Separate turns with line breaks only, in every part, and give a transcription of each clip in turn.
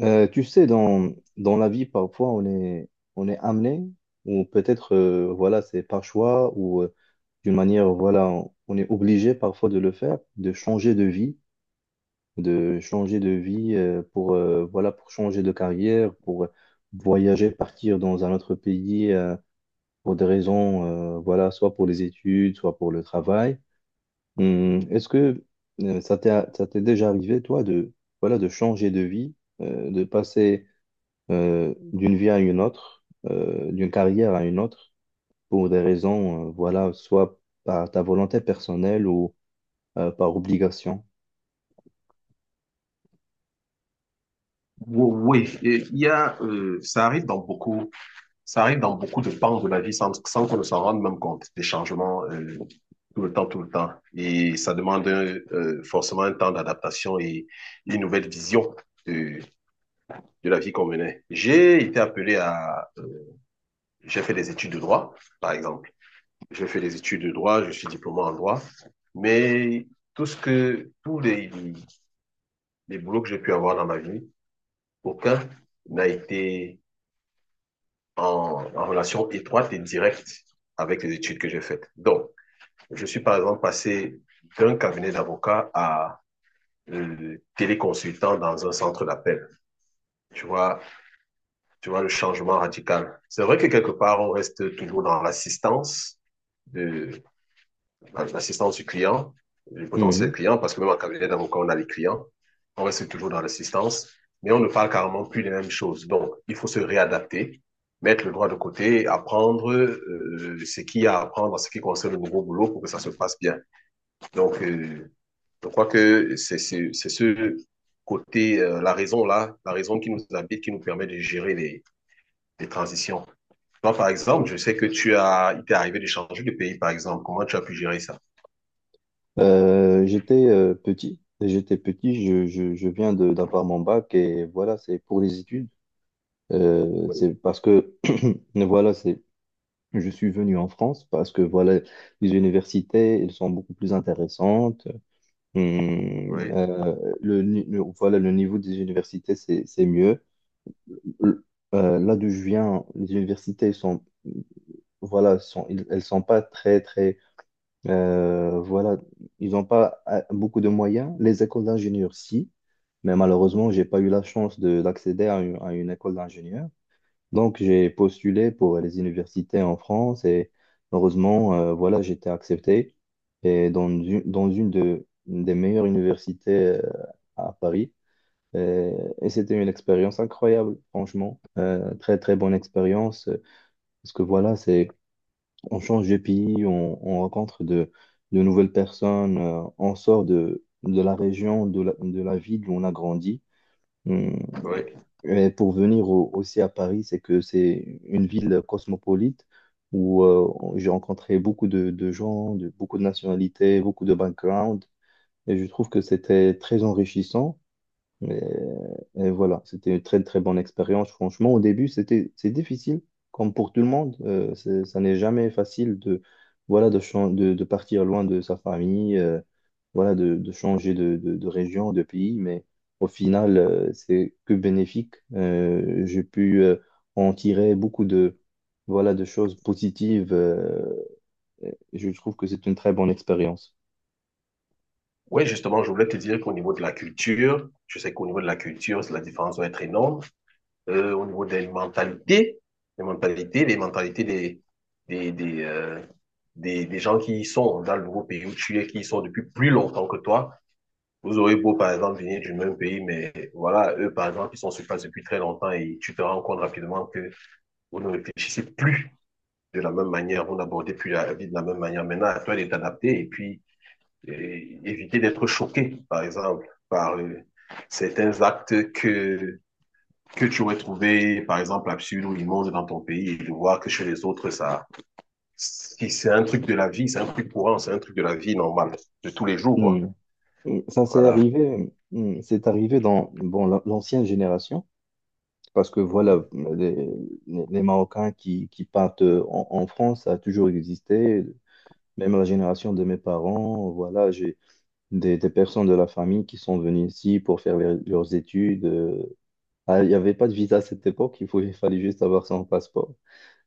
Dans la vie, parfois, on est amené, ou peut-être, voilà, c'est par choix, ou d'une manière, voilà, on est obligé parfois de le faire, de changer de vie, pour, voilà, pour changer de carrière, pour voyager, partir dans un autre pays pour des raisons, voilà, soit pour les études, soit pour le travail. Est-ce que euh, ça t'est, ça t'est déjà arrivé, toi, de, voilà, de changer de vie, de passer d'une vie à une autre, d'une carrière à une autre, pour des raisons, voilà, soit par ta volonté personnelle ou par obligation.
Oui, et il y a, ça arrive dans beaucoup, ça arrive dans beaucoup de pans de la vie sans qu'on ne s'en rende même compte, des changements tout le temps, tout le temps. Et ça demande forcément un temps d'adaptation et une nouvelle vision euh, de la vie qu'on menait. J'ai été appelé à, j'ai fait des études de droit, par exemple. J'ai fait des études de droit, je suis diplômé en droit, mais tout ce que, tous les boulots que j'ai pu avoir dans ma vie, aucun n'a été en relation étroite et directe avec les études que j'ai faites. Donc, je suis par exemple passé d'un cabinet d'avocat à téléconsultant dans un centre d'appel. Tu vois, tu vois le changement radical. C'est vrai que quelque part, on reste toujours dans l'assistance de, l'assistance du client, du potentiel
Mhm.
client, parce que même en cabinet d'avocat, on a les clients, on reste toujours dans l'assistance, mais on ne parle carrément plus les mêmes choses. Donc, il faut se réadapter, mettre le droit de côté, apprendre ce qu'il y a à apprendre en ce qui concerne le nouveau boulot pour que ça se passe bien. Donc, je crois que c'est ce côté, la raison là, la raison qui nous habite, qui nous permet de gérer les transitions. Toi, par exemple, je sais que tu as, il t'est arrivé de changer de pays, par exemple. Comment tu as pu gérer ça?
J'étais petit, j'étais petit, je viens de d'avoir mon bac et voilà, c'est pour les études.
Oui,
C'est parce que voilà, c'est. Je suis venu en France parce que voilà, les universités, elles sont beaucoup plus intéressantes.
oui.
Le, ni- le- Voilà, le niveau des universités, c'est mieux. Le- Là d'où je viens, les universités elles sont, voilà, sont, elles sont pas très, très, voilà, ils n'ont pas beaucoup de moyens. Les écoles d'ingénieurs, si, mais malheureusement, j'ai pas eu la chance d'accéder à à une école d'ingénieur. Donc, j'ai postulé pour les universités en France et heureusement, voilà, j'ai été accepté. Et dans une, une des meilleures universités euh, à Paris. Et, et c'était une expérience incroyable, franchement. Très, très bonne expérience. Parce que voilà, c'est, on change de pays, on rencontre de nouvelles personnes, on sort de la région, de la ville où on a grandi.
Oui.
Et pour venir aussi à Paris, c'est que c'est une ville cosmopolite où j'ai rencontré beaucoup de gens, de, beaucoup de nationalités, beaucoup de backgrounds, et je trouve que c'était très enrichissant. Mais euh, et voilà, c'était une très très bonne expérience. Franchement, au début, c'est difficile, comme pour tout le monde. Ça n'est jamais facile de voilà de partir loin de sa famille, voilà de changer de région, de pays. Mais au final, c'est que bénéfique. J'ai pu en tirer beaucoup de voilà de choses positives. Et je trouve que c'est une très bonne expérience.
Oui, justement, je voulais te dire qu'au niveau de la culture, je sais qu'au niveau de la culture, la différence doit être énorme. Au niveau des mentalités, les mentalités, les mentalités des, des, euh, des gens qui y sont dans le nouveau pays où tu es, qui y sont depuis plus longtemps que toi. Vous aurez beau, par exemple, venir du même pays, mais voilà, eux, par exemple, ils sont sur place depuis très longtemps et tu te rends compte rapidement que vous ne réfléchissez plus de la même manière, vous n'abordez plus la vie de la même manière. Maintenant, à toi d'être adapté et puis et éviter d'être choqué, par exemple, par certains actes que tu aurais trouvé, par exemple, absurdes ou immondes dans ton pays, et de voir que chez les autres, ça, c'est un truc de la vie, c'est un truc courant, c'est un truc de la vie normale, de tous les jours, quoi.
Hmm. Et ça
Voilà.
c'est arrivé dans bon, l'ancienne génération, parce que voilà,
Mhm.
les, les Marocains qui partent en France, ça a toujours existé, même la génération de mes parents, voilà, j'ai des personnes de la famille qui sont venues ici pour faire leurs études. Ah, il n'y avait pas de visa à cette époque, il fallait juste avoir son passeport.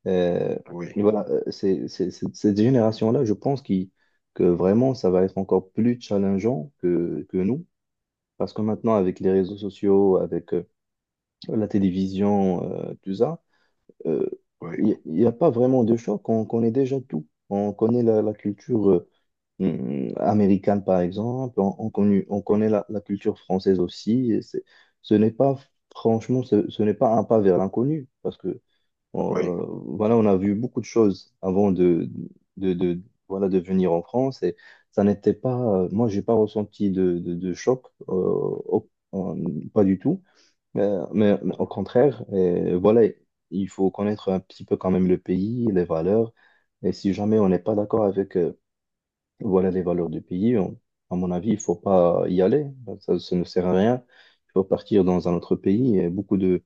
Euh, et
Oui,
voilà, cette génération-là, que vraiment, ça va être encore plus challengeant que nous parce que maintenant, avec les réseaux sociaux, avec la télévision, tout ça, euh,
oui,
il n'y a pas vraiment de choc. On connaît déjà tout. On connaît la, la culture américaine, par exemple. On connaît
mhm.
la, la culture française aussi. Et c'est- ce n'est pas, Franchement, ce n'est pas un pas vers l'inconnu. Parce que on,
Oui,
voilà, on a vu beaucoup de choses avant de, de- voilà, de venir en France et ça n'était pas, moi, j'ai pas ressenti de choc, pas du tout, mais, mais au contraire, et voilà, il faut connaître un petit peu quand même le pays, les valeurs, et si jamais on n'est pas d'accord avec, voilà, les valeurs du pays, à mon avis, il faut pas y aller, ça ne sert à rien, il faut partir dans un autre pays, et beaucoup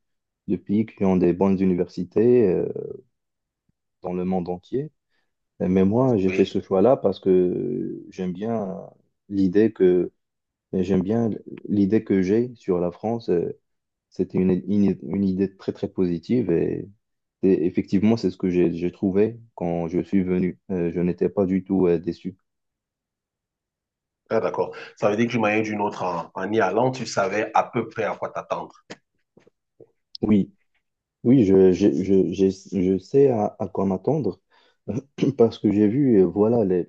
de pays qui ont des bonnes universités. Dans le monde entier. Mais moi, j'ai fait
oui.
ce choix-là parce que j'aime bien l'idée que j'aime bien l'idée que j'ai sur la France. C'était une idée très très positive et effectivement, c'est ce que j'ai trouvé quand je suis venu. Je n'étais pas du tout déçu.
Ah, d'accord. Ça veut dire que d'une manière ou d'une autre, en, en y allant, tu savais à peu près à quoi t'attendre.
Oui, oui, je sais à quoi m'attendre parce que j'ai vu, voilà, les,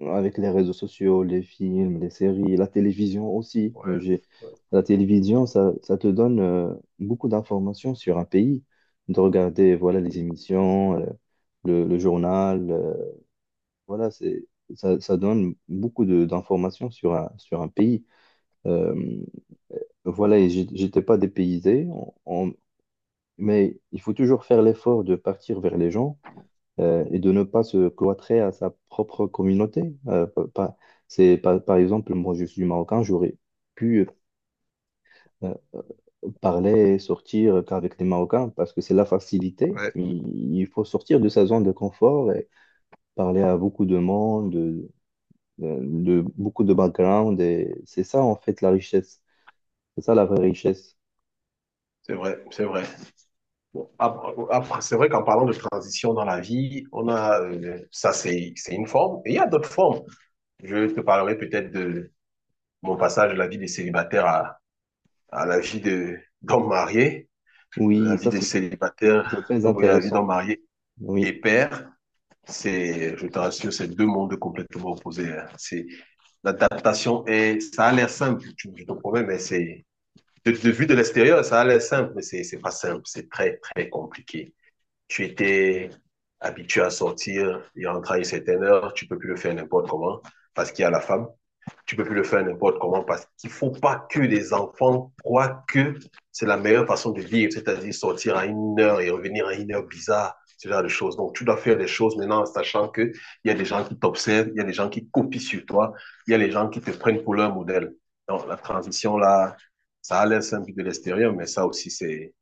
avec les réseaux sociaux, les films, les séries, la télévision aussi.
Ouais, ouais,
La télévision, ça te donne beaucoup d'informations sur un pays, de regarder voilà, les émissions, le journal, voilà, c'est, ça donne beaucoup d'informations sur un pays. Euh, voilà, j'étais pas dépaysé, mais il faut toujours faire l'effort de partir vers les gens et de ne pas se cloîtrer à sa propre communauté. Euh, pa- pa- Par exemple, moi je suis marocain, j'aurais pu euh, parler et sortir qu'avec les Marocains parce que c'est la facilité.
ouais,
Il faut sortir de sa zone de confort et parler à beaucoup de monde, de beaucoup de background. Et c'est ça en fait la richesse. C'est ça la vraie richesse.
c'est vrai, c'est vrai. Bon, après, c'est vrai qu'en parlant de transition dans la vie, on a, ça c'est une forme, et il y a d'autres formes. Je te parlerai peut-être de mon passage de la vie de célibataire à la vie de, d'homme marié, la
Oui,
vie
ça
de
c'est
célibataire,
très
oui, la vie d'homme
intéressant.
marié et
Oui,
père. C'est, je te rassure, c'est deux mondes complètement opposés, hein. C'est, l'adaptation est, ça a l'air simple, tu, je te promets, mais c'est, de vue de l'extérieur, ça a l'air simple, mais c'est pas simple, c'est très, très compliqué. Tu étais habitué à sortir et rentrer à une certaine heure, tu peux plus le faire n'importe comment parce qu'il y a la femme, tu peux plus le faire n'importe comment parce qu'il faut pas que les enfants croient que c'est la meilleure façon de vivre, c'est-à-dire sortir à une heure et revenir à une heure bizarre, ce genre de choses. Donc, tu dois faire des choses maintenant en sachant que il y a des gens qui t'observent, il y a des gens qui copient sur toi, il y a des gens qui te prennent pour leur modèle. Donc, la transition là, ça a l'air simple de l'extérieur, mais ça aussi,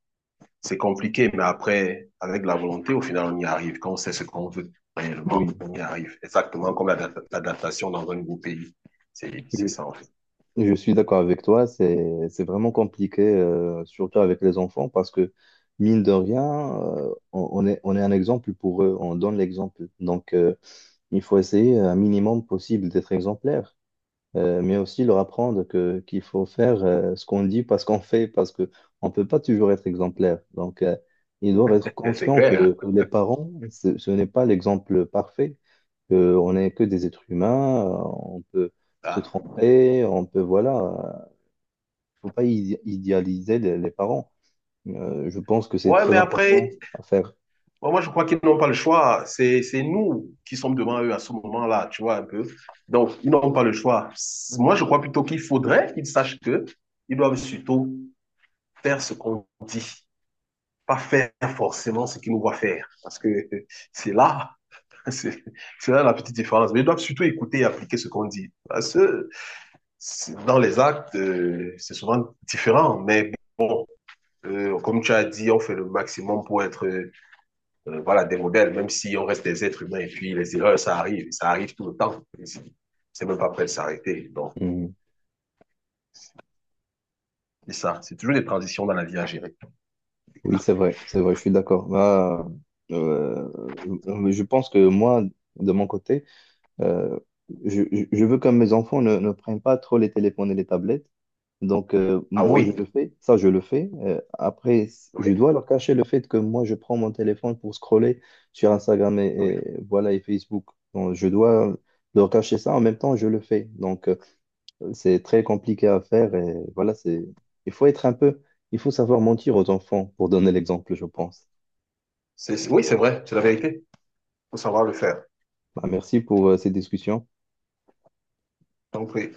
c'est compliqué, mais après, avec la volonté, au final, on y arrive. Quand on sait ce qu'on veut réellement,
oui.
on y arrive. Exactement comme l'adaptation dans un nouveau pays. C'est ça, en fait.
Je suis d'accord avec toi, c'est vraiment compliqué, surtout avec les enfants, parce que mine de rien, on est un exemple pour eux, on donne l'exemple. Donc, il faut essayer un minimum possible d'être exemplaire mais aussi leur apprendre que qu'il faut faire ce qu'on dit parce qu'on fait, parce que on peut pas toujours être exemplaire. Donc, ils doivent être
C'est
conscients
clair.
que les parents, ce n'est pas l'exemple parfait, que on n'est que des êtres humains, on peut se
Ça.
tromper, on peut, voilà, faut pas idéaliser les parents. Je pense que c'est
Ouais,
très
mais après,
important à faire.
moi, moi, je crois qu'ils n'ont pas le choix. C'est nous qui sommes devant eux à ce moment-là, tu vois, un peu. Donc, ils n'ont pas le choix. Moi, je crois plutôt qu'il faudrait qu'ils sachent que ils doivent surtout faire ce qu'on dit. Pas faire forcément ce qu'ils nous voient faire. Parce que c'est là, c'est là la petite différence. Mais ils doivent surtout écouter et appliquer ce qu'on dit. Parce que dans les actes, c'est souvent différent. Mais bon, comme tu as dit, on fait le maximum pour être voilà, des modèles, même si on reste des êtres humains. Et puis les erreurs, ça arrive. Ça arrive tout le temps. C'est même pas prêt de s'arrêter. Donc,
Mhm.
c'est ça. C'est toujours des transitions dans la vie à gérer.
Oui, c'est vrai, je suis d'accord. Bah, euh, je pense que moi, de mon côté, Euh, je veux que mes enfants ne prennent pas trop les téléphones et les tablettes. Donc,
Ah
moi, je
oui,
le fais, ça, je le fais. Après, je
oui,
dois leur cacher le fait que moi, je prends mon téléphone pour scroller sur Instagram
oui.
et voilà, et Facebook. Donc, je dois leur cacher ça. En même temps, je le fais. Donc, c'est très compliqué à faire. Et voilà, c'est, il faut être un peu, il faut savoir mentir aux enfants pour donner l'exemple, je pense.
Oui, c'est vrai, c'est la vérité. Il faut savoir le faire.
Bah, merci pour, ces discussions.
Donc, oui.